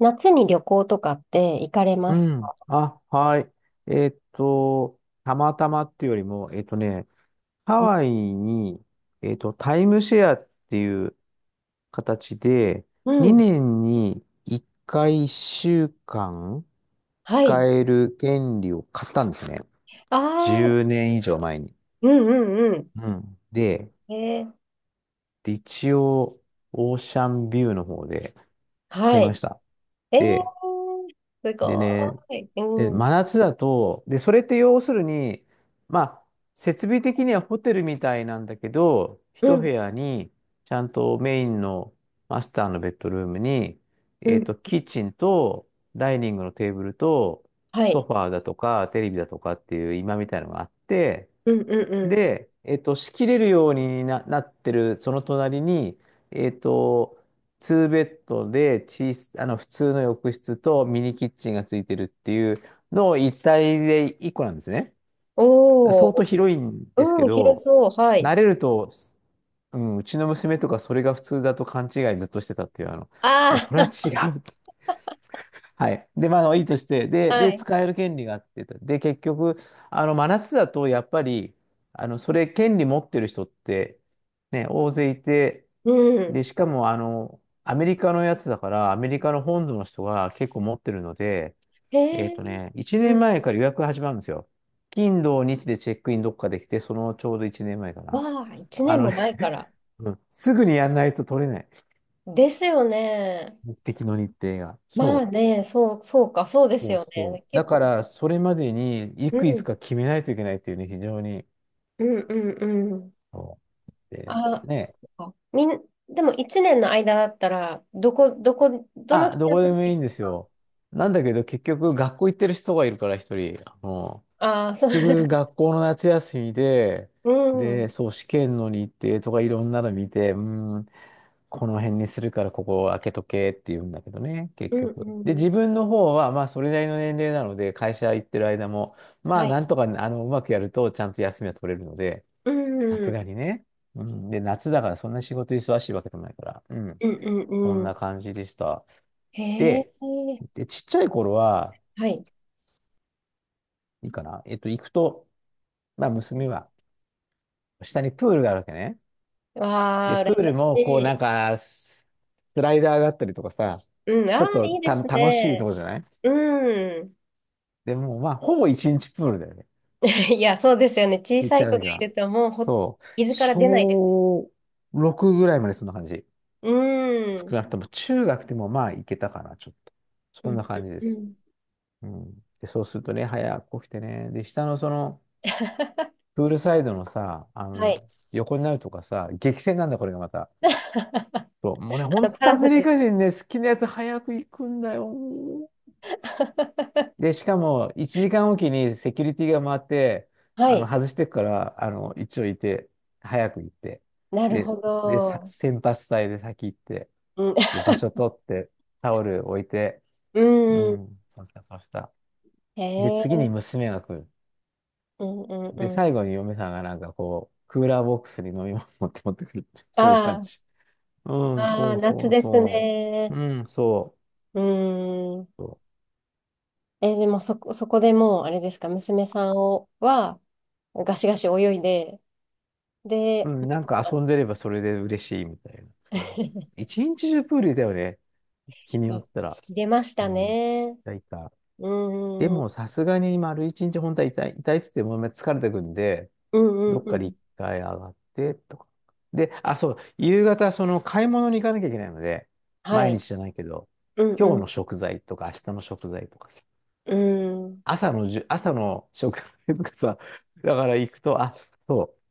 夏に旅行とかって行かれうますん。か？あ、はい。たまたまっていうよりも、ハうん、ワイに、タイムシェアっていう形で、2年に1回1週間は使い。える権利を買ったんですね。ああ、10年以上前に。うんうんううん。で、ん。一応、オーシャンビューの方で買はいまい。した。えー、で、すでね、ごい。うで、ん、う真夏だと、で、それって要するに、まあ、設備的にはホテルみたいなんだけど、一部ん、屋に、ちゃんとメインのマスターのベッドルームに、うん、キッチンと、ダイニングのテーブルと、はソい。ファーだとか、テレビだとかっていう今みたいのがあって、うんうんうん。で、仕切れるようになってる、その隣に、えっと、2ベッドであの、普通の浴室とミニキッチンがついてるっていうのを一体で一個なんですね。お相当お、広いんうでんうすんうんけおー。うん広ど、そう。はい。慣れると、うん、うちの娘とかそれが普通だと勘違いずっとしてたっていう、あの、まあ、それは違あう。はい。で、まあ、あのいいとして、あ、で、はい。使える権利があって、で、結局、あの、真夏だと、やっぱり、あの、それ、権利持ってる人って、ね、大勢いて、うん。で、しかも、あの、アメリカのやつだから、アメリカの本土の人が結構持ってるので、へえ、1う年ん。前から予約が始まるんですよ。金、土、日でチェックインどっかできて、そのちょうど1年前かな。わあ、一あ年のもね、前から。うんすぐにやんないと取れない。ですよね。目的の日程が。まあそう。ね、そう、そうか、そうですそうよそう。ね。だ結か構。ら、それまでに、ういつん、か決めないといけないっていうね、非常に。うん、うん、うん。そうで、あ、ね。そっかみん、でも一年の間だったら、どの期あ、ど間こででももい一いんで週す間。よ。なんだけど、結局、学校行ってる人がいるから、一人。あのああ、そう。結局、学校の夏休みで、うで、ん。そう、試験の日程とかいろんなの見て、うーん、この辺にするからここを開けとけって言うんだけどね、結うんう局。んで、うん。自分の方は、まあ、それなりの年齢なので、会社行ってる間も、まはあ、い。なんとか、あの、うまくやると、ちゃんと休みは取れるので、うさん。うすがんにね。うん。で、夏だから、そんな仕事忙しいわけでもないから、うん。うそんんうなん。感じでした。へえ。で、ちっちゃい頃は、はい。いいかな。行くと、まあ、娘は、下にプールがあるわけね。わで、あ、プー羨ルましも、こう、ない。んか、スライダーがあったりとかさ、うん。あちょあ、っといいでた、す楽しいとね。こじゃない。うん。でも、まあ、ほぼ一日プールだよね。いや、そうですよね。小行っさちいゃう子とがきいは。ると、もうほ、そう。伊豆から出ないです。小6ぐらいまでそんな感じ。うん。う少んなくとも、中学でもまあ、行けたかな、ちょっと。うそんなん感じでうす。ん。うん。で、そうするとね、早く起きてね。で、下のその、プールサイドのさ、あはの、い。横になるとかさ、激戦なんだ、これがまた。あそう、もうね、ほんパとラアソメル。リカ人ね、好きなやつ早く行くんだよ。で、しかも、1時間おきにセキュリティが回って、はあい。の、外してくから、あの、一応いて、早く行って、なるで、ほど。先発隊で先行って、うん。で、場所 取って、タオル置いて、ううん。ん、そうした。へで、次え。に娘が来る。うんうんで、うん。最後に嫁さんがなんかこう、クーラーボックスに飲み物持ってくるって、そういう感あじ。うん、あ、あそあ、う夏そうですそう。ね。うん、そうん。う。そうえ、でもそこ、そこでもう、あれですか、娘さんをは、ガシガシ泳いで、うで、ん、なんか 遊んでればそれで嬉しいみたいな。うん、一日中プールだよね。日にいよ入ったら。れましうたん。ね。痛いた。うでん。うんもさすがに丸一日本当は痛いっつってもう疲れてくんで、うんどっうかでん。一回上がってとか。で、あ、そう、夕方その買い物に行かなきゃいけないので、は毎い。日じゃないけど、うんう今日ん。の食材とか明日の食材とかさ、うん。朝の食材とかさ、だから行くと、あ、そう、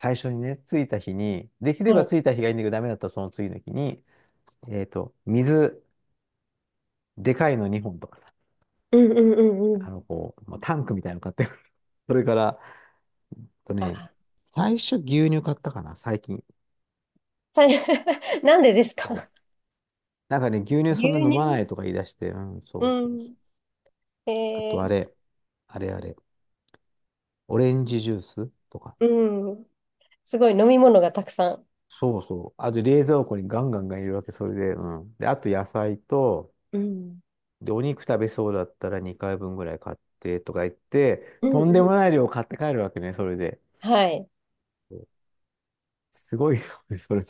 最初にね、着いた日に、できはればい。着いた日がいいんだけど、ダメだったらその次の日に、えっと、水、でかいの2本とかさ、うんうんうんうん。あの、こう、まあ、タンクみたいなの買ってくる。それから、あとね、あ、う最ん。初牛乳買ったかな、最近。さい なんでですそう、か？ なんかね、牛乳そ牛んな飲ま乳ないとか言い出して、うん、そうそううそん。う。あえとあー、れ、あれ、オレンジジュースとか。うん。すごい飲み物がたくさん。そうそう。あと冷蔵庫にガンガンガン入れるわけ、それで、うん。で、あと野菜と、うん。で、お肉食べそうだったら2回分ぐらい買ってとか言って、うんうとんでん。もない量買って帰るわけね、それで。はい。すごいよね、それ。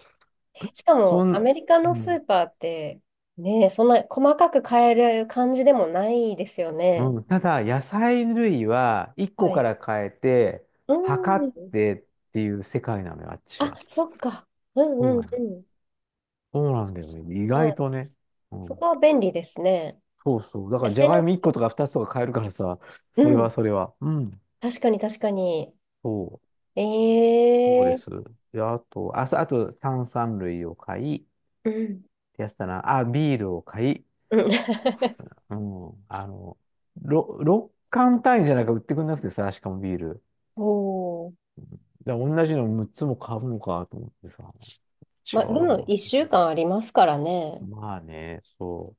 しかそも、アん、メリカうのスーん、パーって、ね、そんな細かく買える感じでもないですよね。うん、ただ、野菜類は1個はかい。ら変えて、う測っん。てっていう世界なのよ、あっちあ、は。そそっか。うんううなんうの。ん。そうなんだよね。意は外い。とね。うそん。こは便利ですね。そうそう。だか野ら、じゃ菜がいの、も1個とか2つとか買えるからさ、うそれはん。それは。うん。確かに確かに。そう。えそうでー。す。で、あと、あ、そうあと、炭酸類を買い、うん。やつだな。あ、ビールを買い、うん。うん、あの、6缶単位じゃなく売ってくんなくてさ、しかもビール。おお。だから同じの6つも買うのかと思ってさ、違まうあ、でもよ1週間ありますからな。ね。まあね、そ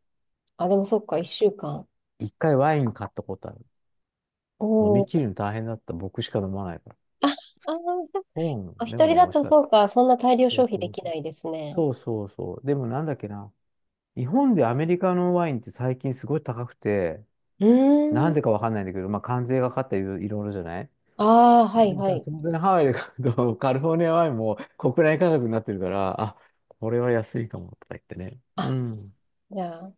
あ、でもそっか、一週間。う。一回ワイン買ったことある。飲おみお。切るの大変だった。僕しか飲まないから。あー、そうなの。あで一も人ね、だ美味しとかった。そうか、そんな大量そ消う費そでうきそなう。いですね。そうそうそう。でもなんだっけな。日本でアメリカのワインって最近すごい高くて、うなーん。んでかわかんないんだけど、まあ関税がかかったりいろいろじゃない。ああ、はいではさ、い。当然ハワイで買うと、カリフォルニアワインも国内価格になってるから、あ、これは安いかもとか言ってね。うあ、ん。じゃあ、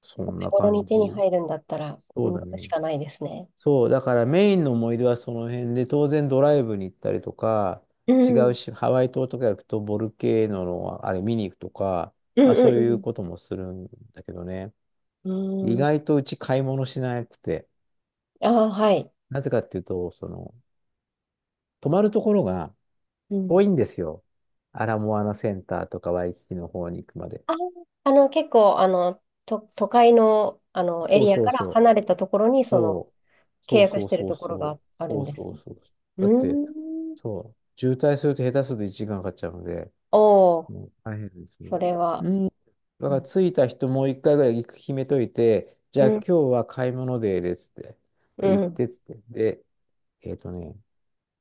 そおん手な頃感に手にじ。入るんだったら、うそうんだしね。かないですね。そう、だからメインの思い出はその辺で、当然ドライブに行ったりとか、う違ん。ううんし、ハワイ島とか行くとボルケーノのあれ見に行くとか、うまあそういうんこともするんだけどね。う意ん。うーん。外とうち買い物しなくて、ああ、はい。なぜかっていうと、その、泊まるところが、う遠ん。いんですよ。アラモアナセンターとかワイキキの方に行くまで。あー、あの、結構、都会の、エそうリアそうからそ離れたところう。に、その、そう。契そう約そしうてるそうところそう。があるそんうでそすうね。そう。うだって、ーん。そう。渋滞すると下手すると1時間かんかかっちゃうので、おお、もう大変ですそが。れは。うん。だかうらん着いた人もう一回ぐらい決めといて、じゃあ今日は買い物デーですって。う行っん。てっつって。で、えっとね、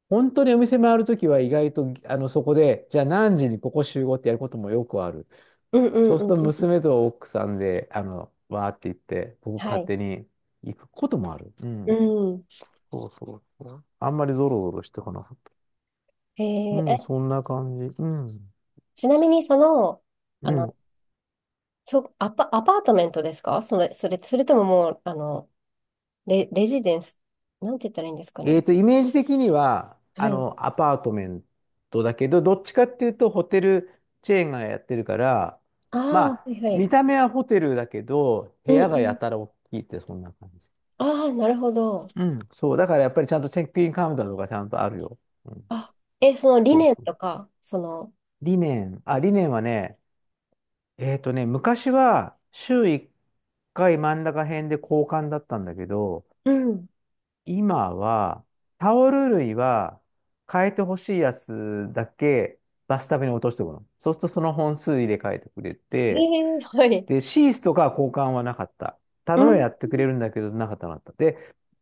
本当にお店回るときは意外と、あの、そこで、じゃあ何時にここ集合ってやることもよくある。うんうんそうすうるんとうん。娘と奥さんで、あの、わーって言って、僕は勝い。手に行くこともある。ううん。ん。そうそうそう。あんまりゾロゾロしてこなかった。えうーん、え、そんな感じ。うん。ちなみにその、あうの、ん。アパートメントですかそれ、とももう、レジデンス、なんて言ったらいいんですかね。イメージ的には、はい。アパートメントだけど、どっちかっていうと、ホテルチェーンがやってるから、あまあ、はあ、いは見い。た目はホテルだけど、う部ん屋うがやん。たら大きいって、そんな感じ。ああ、なるほど。うん。そう、だからやっぱりちゃんとチェックインカウンターとかちゃんとあるよ。うん。あ、え、その理そう念そうとそう。か、その、理念はね、昔は週1回真ん中辺で交換だったんだけど、うん。今はタオル類は変えてほしいやつだけバスタブに落としておくの。そうするとその本数入れ替えてくれへて、え、はい。で、シースとかは交換はなかった。頼うみはん。やってくれるんだけど、なかった。で、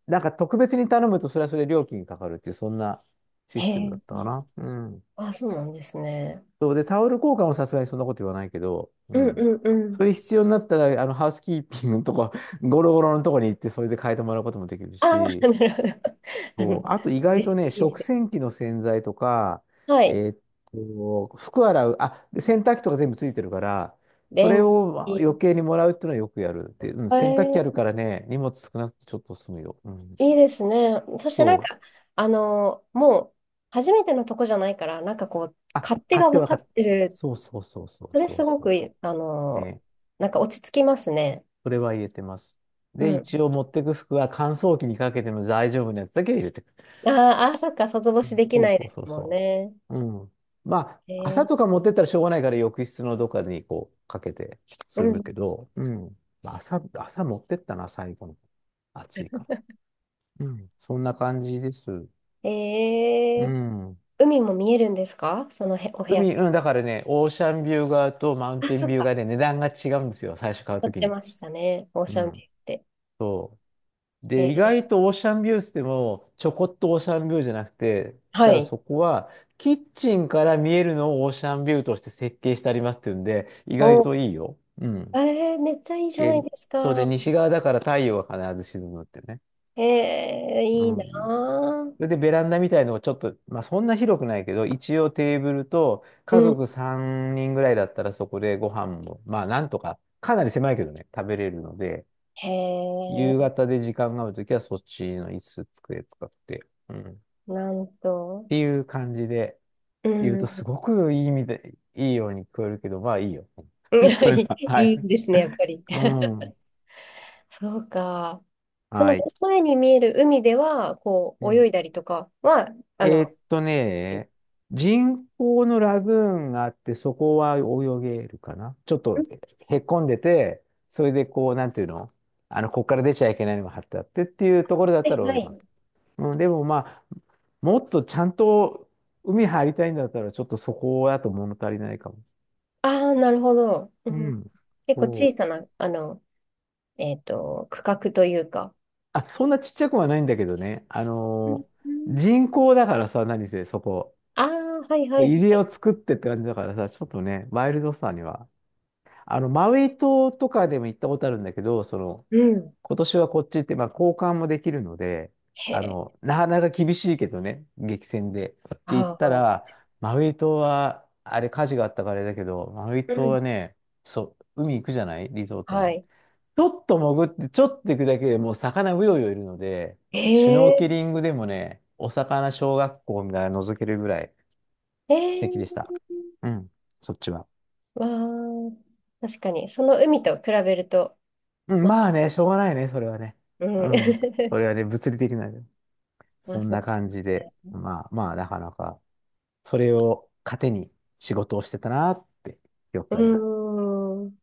なんか特別に頼むとそれはそれで料金かかるっていう、そんなシへステムだっえ、たかな。うん。あ、そうなんですね。そうで、タオル交換もさすがにそんなこと言わないけど、ううんん。うんうそん。れ必要になったら、ハウスキーピングのとこ、ゴロゴロのとこに行って、それで変えてもらうこともできるああ、なし、るほど。あそう。の、あと意レ外とジね、デンス食洗機の洗剤とか、はえい。ーっ服洗う、あ、で洗濯機とか全部ついてるから、それ便を利。余計にもらうっていうのはよくやる。で、うん、え洗濯機あるー、からね、荷物少なくてちょっと済むよ。うん。いいですね。そしてなんそう。か、あの、もう、初めてのとこじゃないから、なんかこう、あ、勝手買っがて分はか買っって。てる。そうそうそうそうそれそすうごくそいい、あう。の、ね。なんか落ち着きますね。それは入れてます。うで、一ん。応持ってく服は乾燥機にかけても大丈夫なやつだけ入れてくる。あーあー、そっか、外干うしん、できそうないそでうすそうもんそね。う。うん。まえあ、朝ー、とか持ってったらしょうがないから浴室のどっかにこうかけてうすん。るけど、うん。まあ、朝持ってったな、最後の。暑いから。うん。そんな感じです。えうー、ん。海も見えるんですかそのへ、お部屋海、うん、かだからね、オーシャンビュー側とマウンら。あ、テンそっビューか、側で値段が違うんですよ、最初買う撮とっきてに。ましたね。オーうシャンビュん。ーって。えで、意ー、外とオーシャンビューっでも、ちょこっとオーシャンビューじゃなくて、はただい。そこは、キッチンから見えるのをオーシャンビューとして設計してありますっていうんで、意外お、といいよ。うん。えー、めっちゃいいじゃないで、ですそうか。で、西側だから太陽が必ず沈むってね。へえ、ういいなん。ぁ。それでベランダみたいのをちょっと、まあそんな広くないけど、一応テーブルとう家ん、族3人ぐらいだったらそこでご飯も、まあなんとか、かなり狭いけどね、食べれるので、へ夕え、方で時間があるときはそっちの椅子、机使って、うん。っなんと。ていう感じでう言うと、すん。ごくいい意味で、いいように聞こえるけど、まあいいよ。それ は、はいい。いですね、やっぱり。うん。そうか。そのはい。前に見える海では、こうう、泳ん。いだりとかは、あえーの、っとうね、人工のラグーンがあって、そこは泳げるかな。ちょっんとへこんでて、それでこう、なんていうの、ここから出ちゃいけないのが貼ってあってっていうところだっはたいら泳はげます。い。うん、でもまあ、もっとちゃんと海入りたいんだったら、ちょっとそこだと物足りないかも。ああ、なるほど。ううん、ん。結構小そさう。な、あの、えっと、区画というか。あ、そんなちっちゃくはないんだけどね。うん人工だからさ、何せそこ。ああー、はいはいは入り江い。を作ってって感じだからさ、ちょっとね、ワイルドさには。マウイ島とかでも行ったことあるんだけど、その、うん。今年はこっちって、まあ、交換もできるので、へえ。なかなか厳しいけどね、激戦で。で、行っあたあ、ら、マウイ島は、あれ火事があったからあれだけど、マウイう島はん。ね、そう、海行くじゃないリゾートはの。い。ちょっと潜って、ちょっと行くだけでもう魚うようよいるので、へシュノーケえ。リングでもね、お魚小学校みたいなの覗けるぐらいへ素え。敵でした。うん、そっちは。わー、確かに、その海と比べると、うん、まあ、まあね、しょうがないね、それはね。ううん。ん、そ れはね、物理的なね。まあ、そんなそ感じうで、ね。まあまあ、なかなか、それを糧に仕事をしてたなって記憶うがあります。ーん。